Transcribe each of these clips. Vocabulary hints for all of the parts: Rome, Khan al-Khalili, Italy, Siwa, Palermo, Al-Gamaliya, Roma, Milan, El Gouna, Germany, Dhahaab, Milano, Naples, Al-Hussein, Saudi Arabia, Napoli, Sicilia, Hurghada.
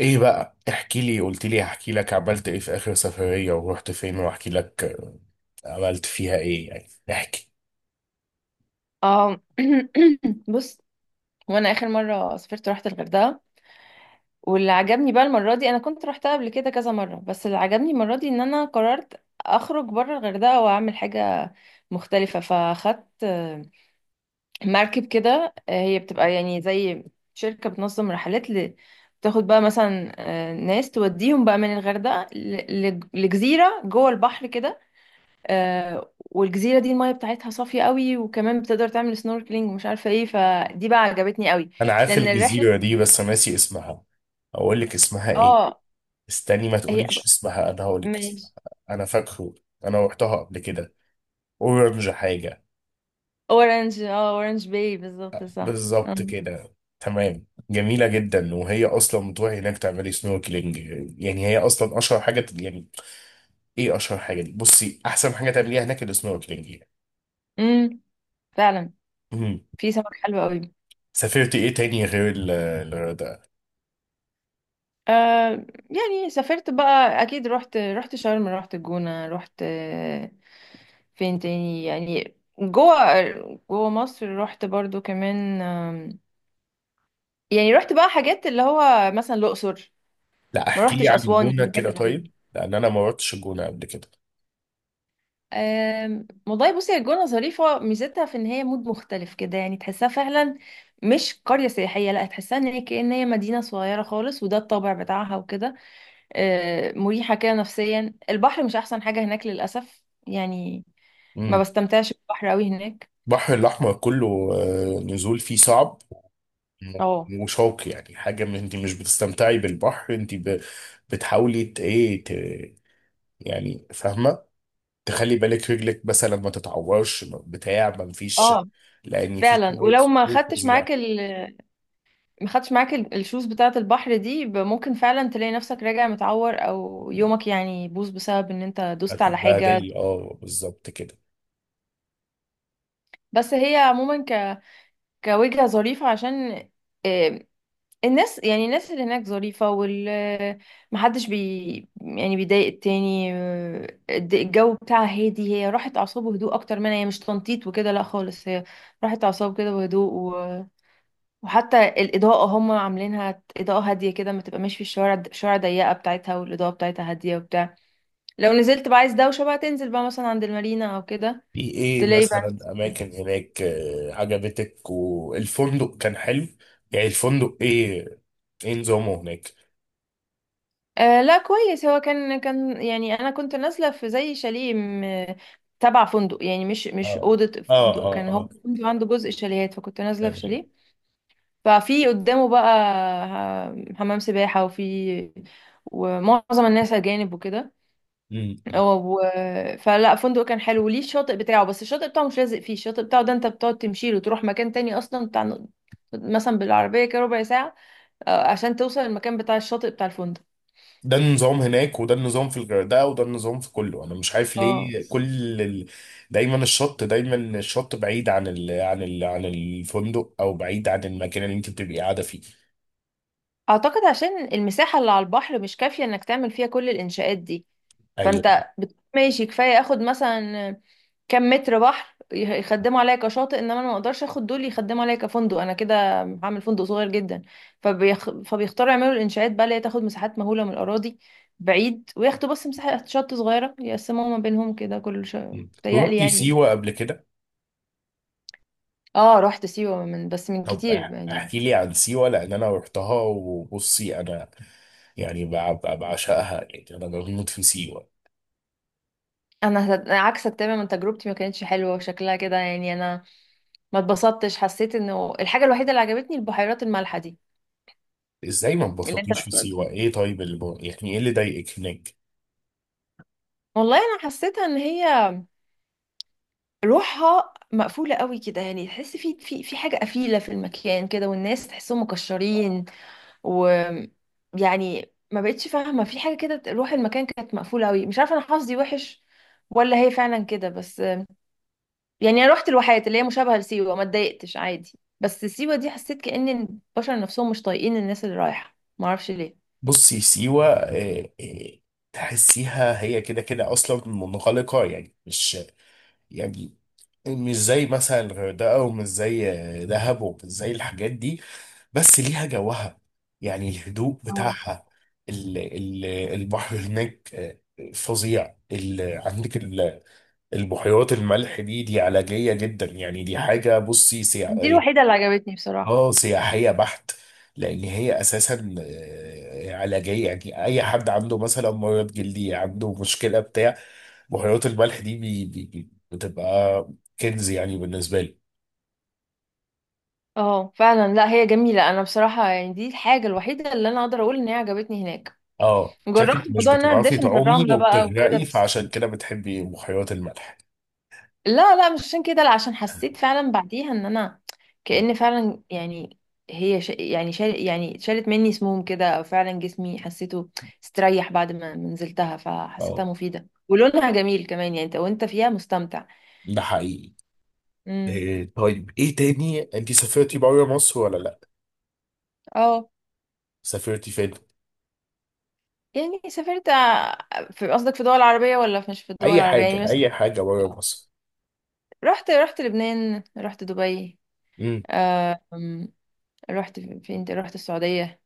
ايه بقى، احكي لي. قلت لي هحكي لك عملت ايه في اخر سفرية ورحت فين واحكي لك. عملت فيها ايه يعني؟ احكي. اه. بص. وانا اخر مره سافرت رحت الغردقه. واللي عجبني بقى المره دي، انا كنت رحتها قبل كده كذا مره، بس اللي عجبني المره دي ان انا قررت اخرج بره الغردقه واعمل حاجه مختلفه. فاخدت مركب كده. هي بتبقى يعني زي شركه بتنظم رحلات. بتاخد بقى مثلا، ناس توديهم بقى من الغردقه. لجزيره جوه البحر كده. والجزيرة دي المية بتاعتها صافية قوي، وكمان بتقدر تعمل سنوركلينج ومش عارفة ايه، فدي بقى عجبتني قوي. انا عارف لأن الرحلة. الجزيرة دي بس ناسي اسمها. اقول لك اسمها ايه؟ اه. استني ما هي. تقوليش اسمها، انا هقول لك اسمها. ماشي. انا فاكره، انا رحتها قبل كده. اورنج حاجة. اورنج باي بالظبط، صح. بالظبط كده، تمام. جميلة جدا، وهي اصلا بتروحي هناك تعملي سنوركلينج. يعني هي اصلا اشهر حاجة يعني. ايه اشهر حاجة دي؟ بصي، احسن حاجة تعمليها هناك السنوركلينج امم فعلا، يعني. في سمك حلو قوي. سافرت ايه تاني غير الغردقة؟ آه يعني سافرت بقى اكيد، رحت شرم، رحت الجونة، رحت فين تاني؟ يعني جوه مصر رحت برضو كمان، يعني رحت بقى حاجات اللي هو مثلا الأقصر. لا، ما احكي لي رحتش عن اسوان، الجونة يعني كده حاجه غريبه. طيب، لان انا ما رحتش الجونة قبل كده. والله بصي، هي الجونه ظريفه، ميزتها في ان هي مود مختلف كده يعني تحسها فعلا، مش قريه سياحيه، لا، تحسها ان هي كأن هي مدينه صغيره خالص، وده الطابع بتاعها وكده. مريحه كده نفسيا، البحر مش احسن حاجه هناك للاسف يعني. ما امم. بستمتعش بالبحر قوي هناك. البحر الاحمر كله، نزول فيه صعب. اه، وشوك يعني، حاجة. من انت مش بتستمتعي بالبحر، انت بتحاولي ايه يعني فاهمة، تخلي بالك رجلك مثلا ما تتعورش، بتاع، ما مفيش. اه، لان في فعلا. كمية ولو صخور فظيعة. ما خدتش معاك الشوز بتاعه البحر دي، ممكن فعلا تلاقي نفسك راجع متعور، او يومك يعني يبوظ بسبب ان انت دوست على حاجه. هتتبهدلي، اه بالظبط كده. بس هي عموما كوجهة ظريفة، عشان آه، الناس، يعني الناس اللي هناك ظريفة، محدش يعني بيضايق التاني، الجو بتاعها هادي، هي راحت أعصاب وهدوء أكتر، منها هي مش تنطيط وكده، لا خالص، هي راحت أعصاب كده وهدوء. وحتى الإضاءة هم عاملينها إضاءة هادية كده، ما تبقى ماشي في الشوارع، الشوارع ضيقة بتاعتها، والإضاءة بتاعتها هادية وبتاع. لو نزلت بقى عايز دوشة، بقى تنزل بقى مثلا عند المارينا أو كده. في ايه تلاقي بقى. مثلا اماكن هناك عجبتك؟ والفندق كان حلو؟ يعني الفندق ايه؟ ايه نظامه هناك؟ آه، لا كويس، هو كان يعني انا كنت نازله في زي شاليه تبع فندق، يعني مش اه اوضه اه فندق، اه كان هو اه، الفندق عنده جزء شاليهات، فكنت نازله في تمام. شاليه. ففي قدامه بقى حمام سباحه، ومعظم الناس اجانب وكده مم. و... فلا، فندق كان حلو وليه الشاطئ بتاعه، بس الشاطئ بتاعه مش لازق فيه، الشاطئ بتاعه ده انت بتقعد تمشي له تروح مكان تاني اصلا بتاع، مثلا بالعربيه كده ربع ساعه، عشان توصل المكان بتاع الشاطئ بتاع الفندق. ده النظام هناك، وده النظام في الغردقه، وده النظام في كله. انا مش عارف اه، ليه. دايما الشط، دايما الشط بعيد عن الفندق، او بعيد عن المكان اللي انت بتبقي قاعده فيه. اعتقد عشان المساحة اللي على البحر مش كافية انك تعمل فيها كل الانشاءات دي. ايوه. فانت ماشي، كفاية اخد مثلا كم متر بحر يخدموا عليا كشاطئ، انما انا ما اقدرش اخد دول يخدموا عليا كفندق، انا كده هعمل فندق صغير جدا. فبيختاروا يعملوا الانشاءات بقى اللي هي تاخد مساحات مهولة من الاراضي بعيد، وياخدوا بس مساحة شط صغيرة يقسموها ما بينهم كده كل شيء. مم. بيتهيألي رحتي يعني. سيوه قبل كده؟ اه، رحت سيوة بس من طب كتير يعني. احكي لي عن سيوه، لان انا رحتها، وبصي انا يعني بعشقها يعني، انا بموت في سيوه. أنا عكسك تماما، تجربتي ما كانتش حلوة وشكلها كده يعني، انا ما اتبسطتش، حسيت انه الحاجه الوحيده اللي عجبتني البحيرات المالحه دي ازاي ما اللي انت انبسطتيش في بتقولها. سيوه؟ ايه طيب اللي يعني ايه اللي ضايقك هناك؟ والله انا حسيتها ان هي روحها مقفوله قوي كده، يعني تحس في حاجه قفيله في المكان كده، والناس تحسهم مكشرين، و يعني ما بقتش فاهمه في حاجه كده، روح المكان كانت مقفوله قوي، مش عارفه انا حظي وحش ولا هي فعلا كده، بس يعني انا رحت الواحات اللي هي مشابهه لسيوه ما اتضايقتش عادي، بس سيوه دي حسيت كأن البشر نفسهم مش طايقين الناس اللي رايحه، ما اعرفش ليه. بصي، سيوه إيه إيه، تحسيها هي كده كده اصلا منغلقه، يعني مش يعني مش زي مثلا الغردقه، ومش زي دهب، ومش زي الحاجات دي. بس ليها جوها، يعني الهدوء بتاعها. البحر هناك فظيع. عندك البحيرات الملح دي، دي علاجية جدا. يعني دي حاجة بصي دي سياحية. الوحيدة اللي عجبتني بصراحة. اه، سياحية بحت. لأن هي أساسا علاجية. يعني أي حد عنده مثلا مرض جلدي، عنده مشكلة، بتاع، بحيرات الملح دي بي بي بي بتبقى كنز يعني بالنسبة لي. اه، فعلا، لا هي جميلة، انا بصراحة يعني دي الحاجة الوحيدة اللي انا اقدر اقول ان هي عجبتني هناك. اه شكلك جربت مش موضوع ان انا بتعرفي ادفن في تعومي الرملة بقى وكده وبتغرقي، بس. فعشان كده بتحبي بحيرات الملح. لا، لا، مش عشان كده، لا، عشان حسيت فعلا بعديها ان انا كأن فعلا يعني، هي يعني يعني شالت مني سموم كده، او فعلا جسمي حسيته استريح بعد ما نزلتها، فحسيتها اه، مفيدة ولونها جميل كمان، يعني انت وانت فيها مستمتع. ده حقيقي. امم. إيه طيب ايه تاني؟ انت سافرتي بره مصر ولا لا؟ اه. سافرتي فين؟ يعني سافرت. في قصدك في دول عربية ولا مش في الدول اي العربية، يعني حاجه، مثلا؟ اي حاجه بره مصر. رحت لبنان، رحت دبي، امم. آم، رحت فين تاني؟ رحت السعودية،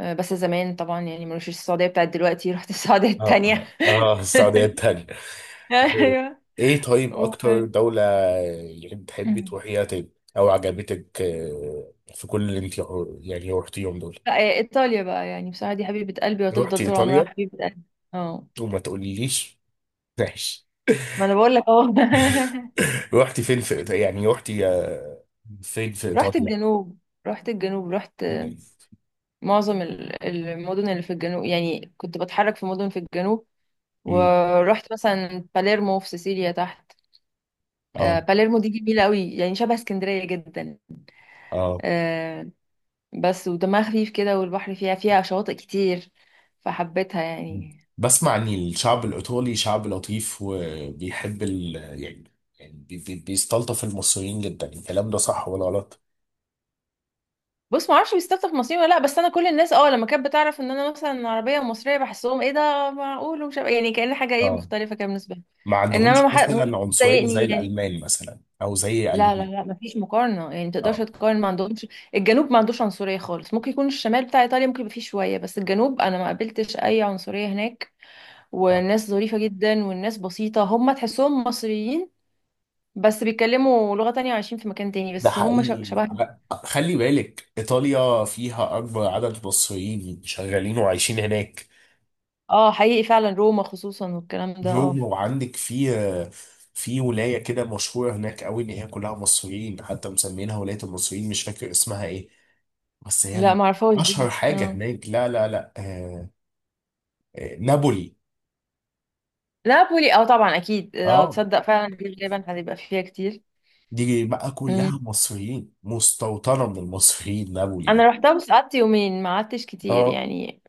بس زمان طبعا يعني، مش السعودية بتاعت دلوقتي، رحت السعودية اه التانية. اه اه، السعوديه التانية. ايه ايوه إيه طيب و- اكتر دوله يعني بتحبي تروحيها تاني، او عجبتك في كل اللي انت يعني رحتيهم دول؟ لا، ايطاليا بقى، يعني بصراحة دي حبيبة قلبي، وهتفضل رحتي طول عمرها ايطاليا حبيبة قلبي. اه، وما تقوليليش؟ ماشي. ما انا بقول لك اهو. رحتي فين في يعني رحتي فين في رحت ايطاليا؟ الجنوب رحت الجنوب، رحت معظم المدن اللي في الجنوب، يعني كنت بتحرك في مدن في الجنوب، مم. ورحت مثلا باليرمو في سيسيليا تحت. اه باليرمو دي جميلة قوي، يعني شبه اسكندرية جدا، اه. آه، بس ودمها خفيف كده، والبحر فيها شواطئ كتير، فحبيتها يعني. بسمع ان الشعب الايطالي شعب لطيف وبيحب ال، يعني، يعني بيستلطف المصريين جدا. الكلام ده صح ولا غلط؟ بص، ما اعرفش بيستفتح في مصريين ولا لا، بس انا كل الناس لما كانت بتعرف ان انا مثلا عربيه ومصريه بحسهم ايه ده معقول، ومش يعني كأن حاجه ايه اه. مختلفه كده بالنسبه لي، ما انما عندهمش ما حد ممكن مثلا عنصرية زي تضايقني يعني. الالمان مثلا او زي لا، لا، المانيا؟ لا، مفيش مقارنة، يعني متقدرش اه. تقارن، ما عندهمش. الجنوب ما عندوش عنصرية خالص، ممكن يكون الشمال بتاع إيطاليا ممكن يبقى فيه شوية، بس الجنوب أنا ما قابلتش أي عنصرية هناك، آه. والناس ظريفة جدا، والناس بسيطة، هم تحسهم مصريين، بس بيتكلموا لغة تانية وعايشين في مكان تاني، ده بس هم حقيقي. شبه. خلي بالك ايطاليا فيها اكبر عدد مصريين شغالين وعايشين هناك. اه، حقيقي فعلا، روما خصوصا، والكلام ده، اه. روما، وعندك في، في ولاية كده مشهورة هناك قوي ان هي كلها مصريين، حتى مسمينها ولاية المصريين. مش فاكر اسمها ايه، بس هي لا، معرفهاش دي، اشهر حاجه اه. هناك. لا لا لا، آه، آه، نابولي. نابولي، اه، طبعا أكيد، لو اه، تصدق فعلا دي غالبا هتبقى فيها كتير. دي بقى مم. كلها مصريين، مستوطنه من المصريين نابولي أنا دي. روحتها بس قعدت يومين، ما قعدتش كتير اه يعني.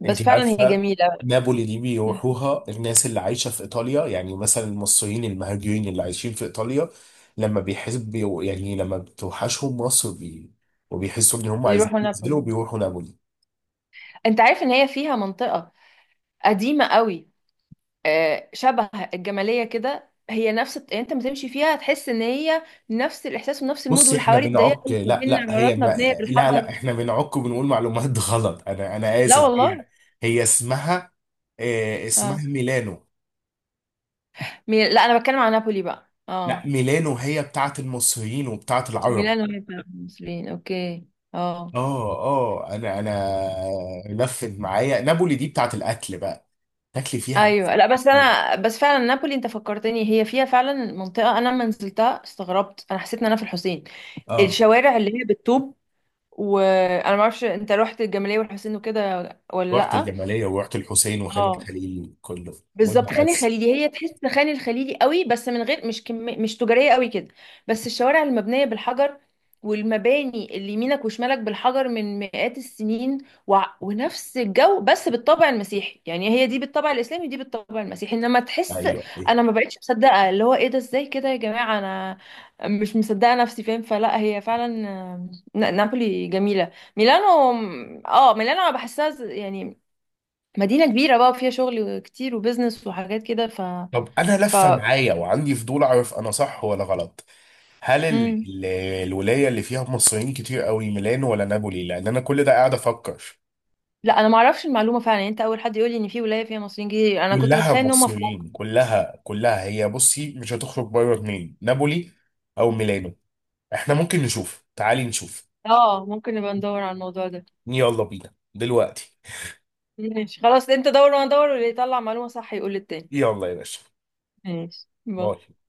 بس انت فعلا هي عارفه، جميلة. نابولي دي بيروحوها الناس اللي عايشه في ايطاليا، يعني مثلا المصريين المهاجرين اللي عايشين في ايطاليا، لما بيحسوا، يعني لما بتوحشهم مصر بي، وبيحسوا ان هم عايزين يروحوا ينزلوا، نابولي. بيروحوا نابولي. انت عارف ان هي فيها منطقة قديمة قوي، شبه الجمالية كده، هي نفس يعني، انت ما تمشي فيها تحس ان هي نفس الاحساس ونفس المود، بصي احنا والحواري الضيقة بنعك، اللي ما لا بين لا هي عمارات ما... مبنية لا لا بالحجر. احنا بنعك وبنقول معلومات غلط. انا، انا لا اسف. هي، والله. هي اسمها، اه اسمها اه، ميلانو. لا، انا بتكلم عن نابولي بقى، لا، اه. ميلانو هي بتاعت المصريين وبتاعت العرب. ميلانو هي بتاعت المصريين، اوكي، اه. اه اه، انا لفت معايا نابولي دي بتاعت الاكل بقى، تاكلي فيها ايوه، أحسن. لا بس انا بس فعلا نابولي انت فكرتني، هي فيها فعلا منطقه، انا لما نزلتها استغربت، انا حسيت ان انا في الحسين، اه الشوارع اللي هي بالطوب، وانا ما اعرفش انت رحت الجمالية والحسين وكده ولا رحت لا؟ الجمالية ورحت الحسين وخان اه، الخليل كله. بالظبط خان والمعز. الخليلي، هي تحس خان الخليلي قوي، بس من غير، مش مش تجارية قوي كده، بس الشوارع المبنية بالحجر، والمباني اللي يمينك وشمالك بالحجر من مئات السنين و... ونفس الجو بس بالطابع المسيحي، يعني هي دي بالطابع الإسلامي ودي بالطابع المسيحي، انما تحس. ايوه ايوه. انا ما بقتش مصدقة، اللي هو ايه ده ازاي كده يا جماعة، انا مش مصدقة نفسي، فاهم؟ فلا هي فعلا، نابولي جميلة. ميلانو. اه، ميلانو انا بحسها يعني مدينة كبيرة بقى فيها شغل كتير وبزنس وحاجات كده ف طب انا ف لفه معايا وعندي فضول اعرف انا صح ولا غلط. هل مم. ال... الولايه اللي فيها مصريين كتير قوي ميلان ولا نابولي؟ لان انا كل ده قاعد افكر. لا، انا ما اعرفش المعلومة فعلا، يعني انت اول حد يقول لي ان في ولاية فيها مصريين كتير، انا كنت كلها بتخيل ان هم في. مصريين، كلها كلها. هي بصي مش هتخرج بره اتنين، نابولي او ميلانو. احنا ممكن نشوف، تعالي نشوف. اه، ممكن نبقى ندور على الموضوع ده. يلا بينا دلوقتي. ماشي خلاص، انت دور وانا ادور، واللي يطلع معلومة صح يقول للتاني. يلا يا باشا. ماشي. باي. باي.